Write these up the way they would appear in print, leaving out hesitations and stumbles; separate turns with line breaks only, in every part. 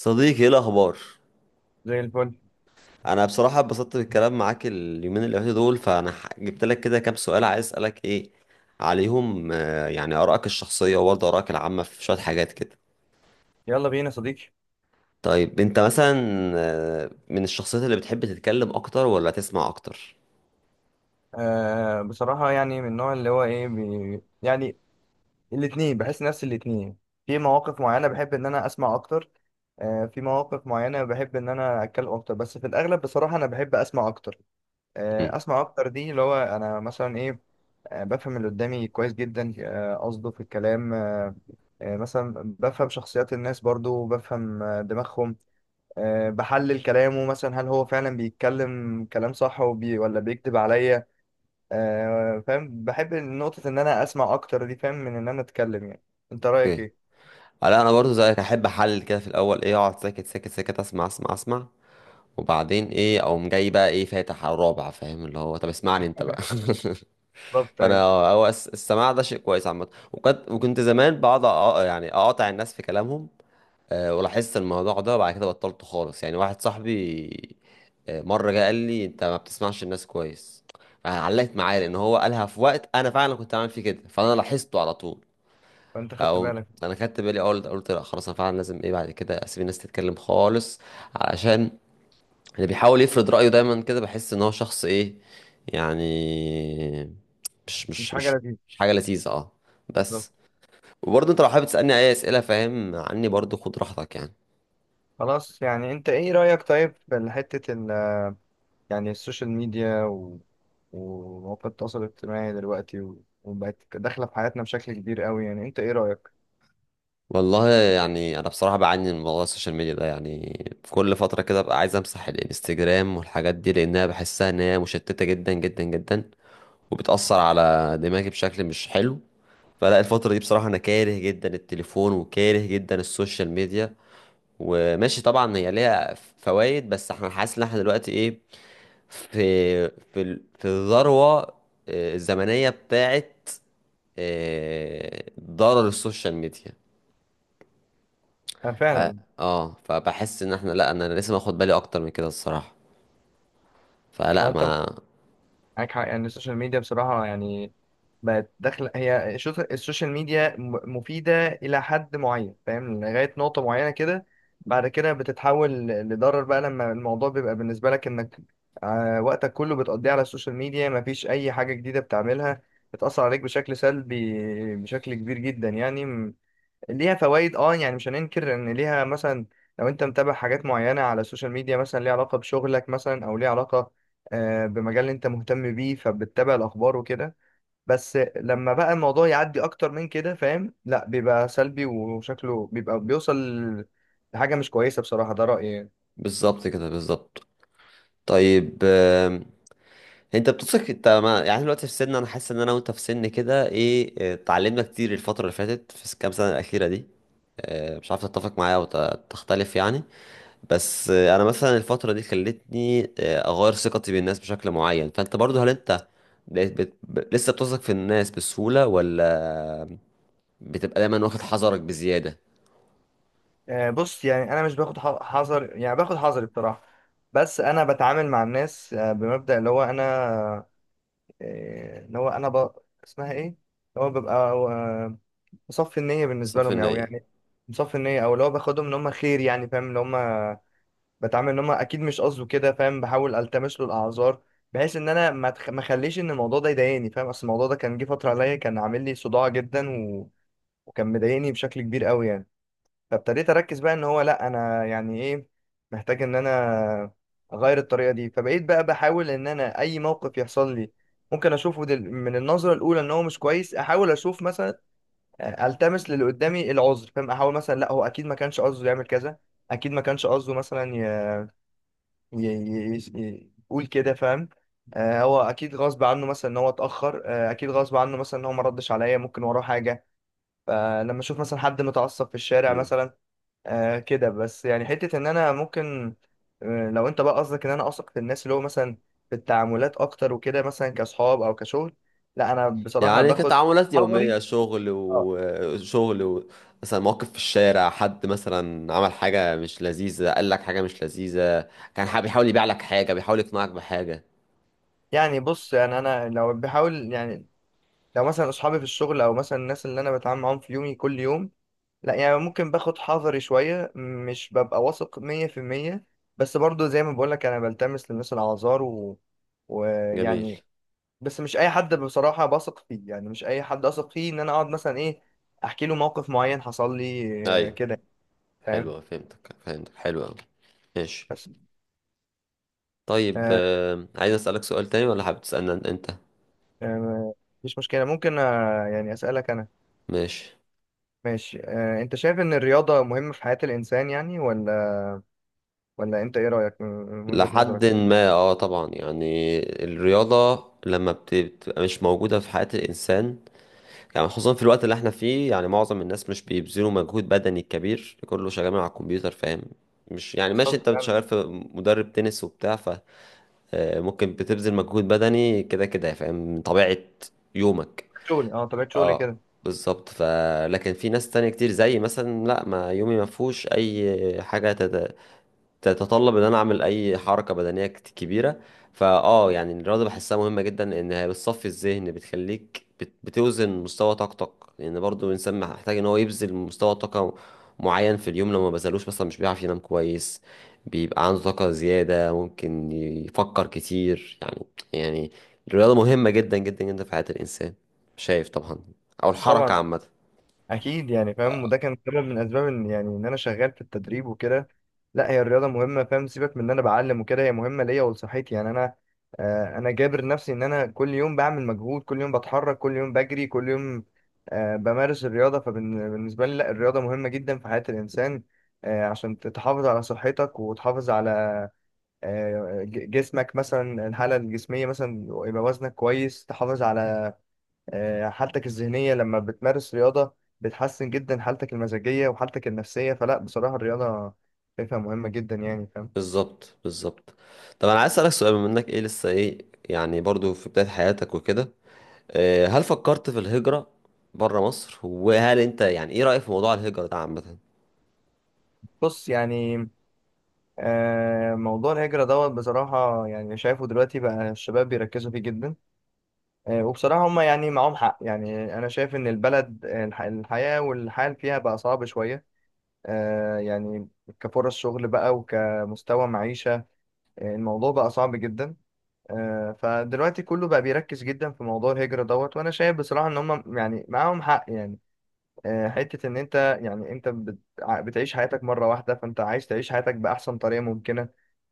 صديقي، ايه الاخبار؟
زي الفل.
انا بصراحه اتبسطت بالكلام معاك اليومين اللي فاتوا دول، فانا جبت لك كده كام سؤال عايز اسالك ايه عليهم، يعني ارائك الشخصيه وبرضه ارائك العامه في شويه حاجات كده.
يلا بينا يا صديقي.
طيب انت مثلا، من الشخصيات اللي بتحب تتكلم اكتر ولا تسمع اكتر؟
آه، بصراحة يعني من النوع اللي هو بي يعني. الاتنين، بحس نفس الاتنين. في مواقف معينة بحب ان انا اسمع اكتر، آه، في مواقف معينة بحب ان انا اتكلم اكتر، بس في الاغلب بصراحة انا بحب اسمع اكتر.
مم.
آه، اسمع اكتر دي اللي هو انا مثلا آه، بفهم اللي قدامي كويس جدا، قصده في الكلام. مثلا بفهم شخصيات الناس، برضو بفهم دماغهم. بحلل كلامه مثلا، هل هو فعلا بيتكلم كلام صح وبي ولا بيكذب عليا؟ فاهم؟ بحب نقطة إن أنا أسمع أكتر دي، فاهم، من إن أنا أتكلم يعني. أنت رأيك
اوكي.
إيه؟
لا، انا برضه زيك احب احلل كده في الاول، ايه، اقعد ساكت ساكت ساكت اسمع اسمع اسمع، وبعدين ايه اقوم جاي بقى، ايه فاتح على الرابع، فاهم، اللي هو طب اسمعني انت بقى.
بالظبط،
فانا
أيوه.
هو السماع ده شيء كويس عامه. وكنت زمان بقعد يعني اقاطع الناس في كلامهم، ولاحظت الموضوع ده وبعد كده بطلته خالص، يعني واحد صاحبي مره جه قال لي انت ما بتسمعش الناس كويس. علقت معايا لان هو قالها في وقت انا فعلا كنت عامل فيه كده، فانا لاحظته على طول.
فأنت خدت
او.
بالك.
انا خدت بالي اول، قلت لا خلاص انا فعلا لازم، ايه، بعد كده اسيب الناس تتكلم خالص، علشان اللي بيحاول يفرض رأيه دايما كده بحس ان هو شخص، ايه يعني، مش
مش
مش
حاجة
مش
لذيذة.
مش حاجة لذيذة، اه.
بالظبط.
بس. وبرضه انت لو حابب تسألني اي اسئلة فاهم عني برضه خد راحتك يعني.
خلاص، يعني أنت إيه رأيك طيب في حتة ال يعني السوشيال ميديا ومواقع التواصل الاجتماعي دلوقتي وبقت داخلة في حياتنا بشكل كبير قوي؟ يعني أنت إيه رأيك؟
والله يعني انا بصراحة بعاني من موضوع السوشيال ميديا ده، يعني في كل فترة كده ببقى عايز امسح الانستجرام والحاجات دي، لانها بحسها ان هي مشتتة جدا جدا جدا، وبتأثر على دماغي بشكل مش حلو. فلا، الفترة دي بصراحة انا كاره جدا التليفون وكاره جدا السوشيال ميديا، وماشي طبعا هي ليها فوائد، بس احنا حاسس ان احنا دلوقتي ايه في في الذروة الزمنية بتاعت ضرر السوشيال ميديا.
أنا
ف
فعلا.
اه فبحس ان احنا، لا انا لسه ماخد بالي اكتر من كده الصراحة. فلا
أه، أنت
ما.
معاك حق. يعني السوشيال ميديا بصراحة يعني بقت داخلة، هي السوشيال ميديا مفيدة إلى حد معين، فاهم، لغاية نقطة معينة كده، بعد كده بتتحول لضرر بقى، لما الموضوع بيبقى بالنسبة لك إنك وقتك كله بتقضيه على السوشيال ميديا، مفيش أي حاجة جديدة بتعملها، بتأثر عليك بشكل سلبي، بشكل كبير جدا يعني. ليها فوائد، اه، يعني مش هننكر ان ليها، مثلا لو انت متابع حاجات معينه على السوشيال ميديا مثلا ليها علاقه بشغلك، مثلا او ليها علاقه بمجال انت مهتم بيه، فبتتابع الاخبار وكده. بس لما بقى الموضوع يعدي اكتر من كده، فاهم، لا، بيبقى سلبي، وشكله بيبقى بيوصل لحاجه مش كويسه بصراحه. ده رايي يعني.
بالظبط كده بالظبط. طيب، انت بتثق، انت ما يعني دلوقتي في سن، انا حاسس ان انا وانت في سن كده، ايه، اتعلمنا كتير الفتره اللي فاتت في الكام سنه الاخيره دي، اه، مش عارف تتفق معايا او تختلف يعني. بس انا مثلا الفتره دي خلتني اغير ثقتي بالناس بشكل معين، فانت برضو هل انت بقيت لسه بتثق في الناس بسهوله، ولا بتبقى دايما واخد حذرك بزياده؟
بص يعني انا مش باخد حذر، يعني باخد حذري بصراحه. بس انا بتعامل مع الناس بمبدأ اللي هو انا، آه، اللي هو انا ب... اسمها ايه اللي هو ببقى مصفي النية بالنسبة
صافي
لهم يعني، أو
النيه.
يعني مصفي النية، أو اللي هو باخدهم إن هم خير، يعني فاهم، اللي هم بتعامل إن هم أكيد مش قصده كده، فاهم، بحاول ألتمس له الأعذار، بحيث إن أنا ما أخليش إن الموضوع ده يضايقني، فاهم. أصل الموضوع ده كان جه فترة عليا كان عامل لي صداع جدا، وكان مضايقني بشكل كبير قوي يعني. فابتديت أركز بقى إن هو لأ، أنا يعني إيه، محتاج إن أنا أغير الطريقة دي. فبقيت بقى بحاول إن أنا أي موقف يحصل لي ممكن أشوفه من النظرة الأولى إن هو مش كويس، أحاول أشوف مثلا التمس للي قدامي العذر، فاهم، احاول مثلا لا، هو اكيد ما كانش قصده يعمل كذا، اكيد ما كانش قصده مثلا يقول كده، فاهم. آه هو اكيد غصب عنه مثلا ان هو اتاخر، آه اكيد غصب عنه مثلا ان هو ما ردش عليا، ممكن وراه حاجه. فلما اشوف مثلا حد متعصب في الشارع مثلا، آه كده، بس يعني حته ان انا ممكن. لو انت بقى قصدك ان انا اثق في الناس، اللي هو مثلا في التعاملات اكتر وكده، مثلا كاصحاب او كشغل، لا انا بصراحه
يعني
باخد
كتعاملات
حذري،
يومية، شغل
اه.
وشغل و... مثلا موقف في الشارع، حد مثلا عمل حاجة مش لذيذة، قال لك حاجة مش لذيذة، كان بيحاول يبيع لك حاجة، بيحاول يقنعك بحاجة.
يعني بص، يعني انا لو بحاول يعني، لو مثلا اصحابي في الشغل او مثلا الناس اللي انا بتعامل معاهم في يومي كل يوم، لا يعني ممكن باخد حذري شوية، مش ببقى واثق مية في المية. بس برضو زي ما بقولك انا بلتمس للناس الاعذار
جميل.
ويعني، بس مش اي حد بصراحة بثق فيه، يعني مش اي حد اثق فيه ان انا اقعد مثلا احكي له موقف معين حصل لي، آه
ايوه.
كده فاهم.
حلوة، فهمتك فهمتك، حلوة أوي. ماشي.
بس
طيب،
آه،
عايز أسألك سؤال تاني، ولا حابب تسألني أنت؟
آه، مفيش مشكلة، ممكن يعني اسألك.
ماشي.
ماشي. انت شايف ان الرياضة مهمة في حياة الانسان يعني، ولا ولا انت ايه رأيك؟ من وجهة نظرك؟
لحد ما طبعا يعني الرياضة لما بتبقى مش موجودة في حياة الإنسان، يعني خصوصا في الوقت اللي احنا فيه، يعني معظم الناس مش بيبذلوا مجهود بدني كبير، كله شغال على الكمبيوتر، فاهم، مش يعني ماشي،
طب يعني
انت
طبيعة
شغال في مدرب تنس وبتاع، فممكن بتبذل مجهود بدني كده كده، فاهم، من طبيعة يومك.
شغلي، اه، طبيعة شغلي
اه.
كده.
بالظبط. ف لكن في ناس تانية كتير، زي مثلا لا، ما يومي ما فيهوش اي حاجة تتطلب ان انا اعمل اي حركه بدنيه كبيره، يعني الرياضه بحسها مهمه جدا، ان هي بتصفي الذهن، بتخليك بتوزن مستوى طاقتك، لان برضو الانسان محتاج ان هو يبذل مستوى طاقه معين في اليوم، لو ما بذلوش مثلا مش بيعرف ينام كويس، بيبقى عنده طاقه زياده، ممكن يفكر كتير يعني. يعني الرياضه مهمه جدا جدا جدا في حياه الانسان، شايف طبعا، او الحركه
طبعا،
عامه.
اكيد يعني فاهم، وده كان سبب من اسباب ان يعني ان انا شغال في التدريب وكده. لا، هي الرياضة مهمة، فاهم، سيبك من ان انا بعلم وكده، هي مهمة ليا ولصحتي يعني. انا انا جابر نفسي ان انا كل يوم بعمل مجهود، كل يوم بتحرك، كل يوم بجري، كل يوم بمارس الرياضة. فبالنسبة لي لا، الرياضة مهمة جدا في حياة الانسان، عشان تحافظ على صحتك، وتحافظ على جسمك، مثلا الحالة الجسمية، مثلا يبقى وزنك كويس، تحافظ على حالتك الذهنية. لما بتمارس رياضة بتحسن جدا حالتك المزاجية وحالتك النفسية. فلا بصراحة الرياضة شايفها مهمة جدا يعني، فاهم.
بالظبط بالظبط. طب انا عايز اسالك سؤال، بما انك ايه لسه ايه يعني، برضو في بدايه حياتك وكده، هل فكرت في الهجره بره مصر، وهل انت يعني ايه رايك في موضوع الهجره ده عامه؟
بص يعني موضوع الهجرة دوت بصراحة يعني، شايفه دلوقتي بقى الشباب بيركزوا فيه جدا، وبصراحة هما يعني معاهم حق. يعني أنا شايف إن البلد، الحياة والحال فيها بقى صعب شوية، يعني كفرص شغل بقى وكمستوى معيشة، الموضوع بقى صعب جدا. فدلوقتي كله بقى بيركز جدا في موضوع الهجرة دوت، وانا شايف بصراحة ان هم يعني معاهم حق يعني، حتة ان انت، يعني انت بتعيش حياتك مرة واحدة، فانت عايز تعيش حياتك بأحسن طريقة ممكنة،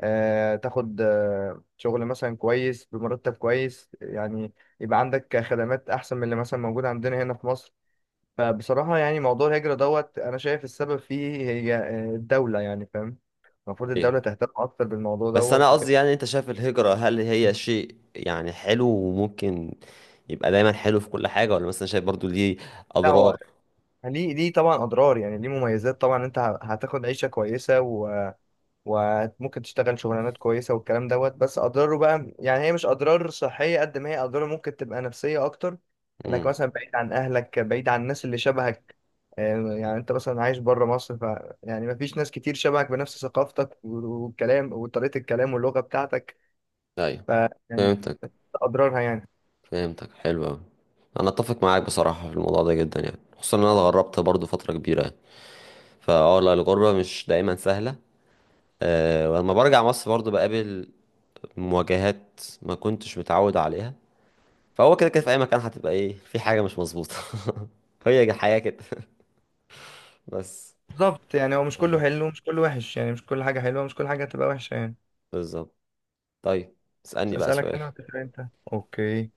تاخد شغل مثلا كويس بمرتب كويس يعني، يبقى عندك خدمات احسن من اللي مثلا موجودة عندنا هنا في مصر. فبصراحة يعني موضوع الهجرة دوت انا شايف السبب فيه هي الدولة يعني، فاهم، المفروض
ايوه.
الدولة تهتم أكتر بالموضوع
بس انا
دوت
قصدي
وكده.
يعني، انت شايف الهجره هل هي شيء يعني حلو وممكن يبقى دايما حلو في كل حاجه، ولا مثلا شايف برضو ليه
لا،
اضرار؟
يعني ليه، ليه طبعا اضرار، يعني ليه مميزات طبعا، انت هتاخد عيشه كويسه وممكن تشتغل شغلانات كويسه والكلام دوت، بس اضراره بقى، يعني هي مش اضرار صحيه قد ما هي اضرار ممكن تبقى نفسيه اكتر، انك
امم.
مثلا بعيد عن اهلك، بعيد عن الناس اللي شبهك. يعني انت مثلا عايش بره مصر، ف يعني مفيش ناس كتير شبهك بنفس ثقافتك والكلام وطريقه الكلام واللغه بتاعتك،
ايوه
ف يعني
فهمتك
اضرارها يعني.
فهمتك، حلو أوي. انا اتفق معاك بصراحه في الموضوع ده جدا، يعني خصوصا ان انا اتغربت برضو فتره كبيره يعني، لا الغربه مش دايما سهله. ولما برجع مصر برضو بقابل مواجهات ما كنتش متعود عليها. فهو كده كده في اي مكان هتبقى، ايه، في حاجة مش مظبوطة. هي الحياة كده. بس.
بالظبط، يعني هو مش كله حلو ومش كله وحش، يعني مش كل حاجه حلوه ومش كل حاجه هتبقى وحشه يعني.
بالظبط. طيب، اسألني بقى
أسألك
سؤال.
أنا وتسأل أنت. أوكي،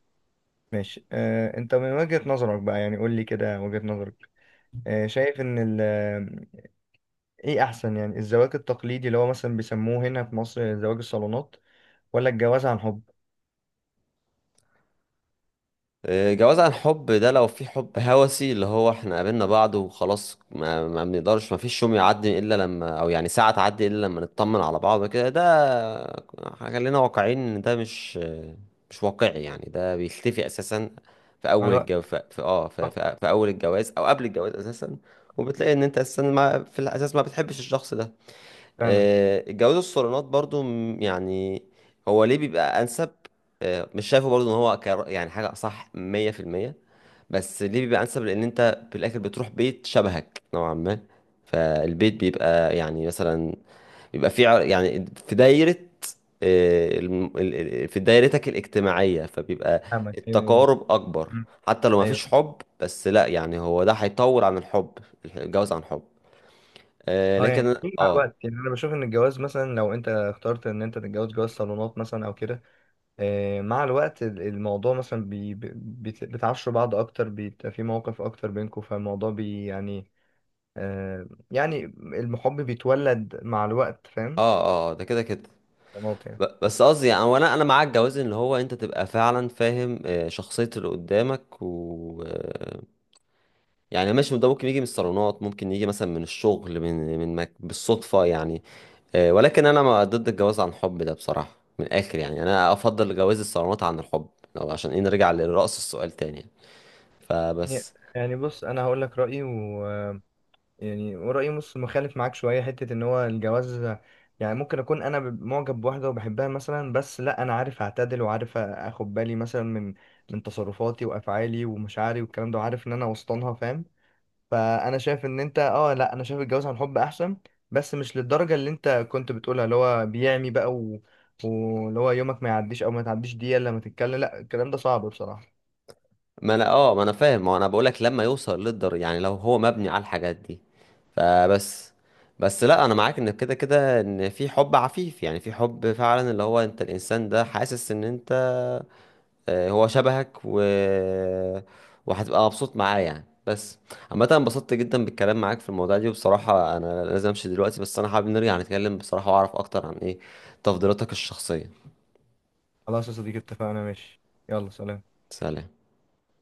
ماشي. أنت من وجهة نظرك بقى، يعني قول لي كده وجهة نظرك، شايف إن ال آه، إيه أحسن؟ يعني الزواج التقليدي اللي هو مثلا بيسموه هنا في مصر زواج الصالونات، ولا الجواز عن حب؟
إيه، جواز عن حب ده لو في حب هوسي اللي هو احنا قابلنا بعض وخلاص، ما بنقدرش، ما فيش يوم يعدي الا لما، او يعني ساعة تعدي الا لما نطمن على بعض كده، ده خلينا واقعيين ان ده مش واقعي يعني، ده بيختفي اساسا في
مع
اول
الوقت.
الجواز،
صح.
او قبل الجواز اساسا. وبتلاقي ان انت اساسا، ما في الاساس ما بتحبش الشخص ده.
فعلا.
الجواز الصالونات برضو، يعني هو ليه بيبقى انسب، مش شايفه برضو ان هو يعني حاجه صح 100%، بس ليه بيبقى انسب لان انت في الاخر بتروح بيت شبهك نوعا ما، فالبيت بيبقى يعني مثلا بيبقى في يعني في دايره آه، الم- ال- في دايرتك الاجتماعيه، فبيبقى
فاهمك يعني.
التقارب اكبر.
مم.
حتى لو ما
أيوه.
فيش حب، بس لا يعني هو ده هيطول عن الحب، الجواز عن حب، آه،
أه يعني
لكن
إيه مع
اه.
الوقت، يعني أنا بشوف إن الجواز مثلا لو أنت اخترت إن أنت تتجوز جواز صالونات مثلا أو كده، مع الوقت الموضوع مثلا بتعشوا بعض أكتر، بيبقى في مواقف أكتر بينكم، فالموضوع بي يعني، يعني المحب بيتولد مع الوقت، فاهم،
اه، اه، ده كده كده.
غلط
بس قصدي يعني، وانا معاك، جواز ان هو انت تبقى فعلا فاهم شخصية اللي قدامك و يعني ماشي، ده ممكن يجي من الصالونات، ممكن يجي مثلا من الشغل، بالصدفة يعني. ولكن انا ما ضد الجواز عن حب ده بصراحة من الاخر يعني انا افضل جواز الصالونات عن الحب، لو عشان ايه نرجع لرأس السؤال تاني يعني.
يعني
فبس.
يعني بص، انا هقول لك رايي و آه، يعني ورايي، بص مخالف معاك شويه، حته ان هو الجواز، يعني ممكن اكون انا معجب بواحده وبحبها مثلا، بس لا، انا عارف اعتدل وعارف اخد بالي مثلا من تصرفاتي وافعالي ومشاعري والكلام ده، وعارف ان انا وسطنها فاهم. فانا شايف ان انت، اه لا، انا شايف الجواز عن حب احسن، بس مش للدرجه اللي انت كنت بتقولها اللي هو بيعمي بقى واللي هو يومك ما يعديش او ما تعديش دقيقه إلا لما تتكلم، لا، الكلام ده صعب بصراحه.
ما انا فاهم ما انا بقولك لما يوصل للدر، يعني لو هو مبني على الحاجات دي. فبس. بس لا انا معاك، ان كده كده ان في حب عفيف، يعني في حب فعلا اللي هو انت الانسان ده حاسس ان انت، هو شبهك، و وهتبقى مبسوط معاه يعني، بس. عامة أنا انبسطت جدا بالكلام معاك في الموضوع دي، وبصراحة انا لازم امشي دلوقتي، بس انا حابب نرجع نتكلم بصراحة واعرف اكتر عن، ايه، تفضيلاتك الشخصية.
خلاص يا صديقي، اتفقنا، ماشي. يلا، سلام.
سلام.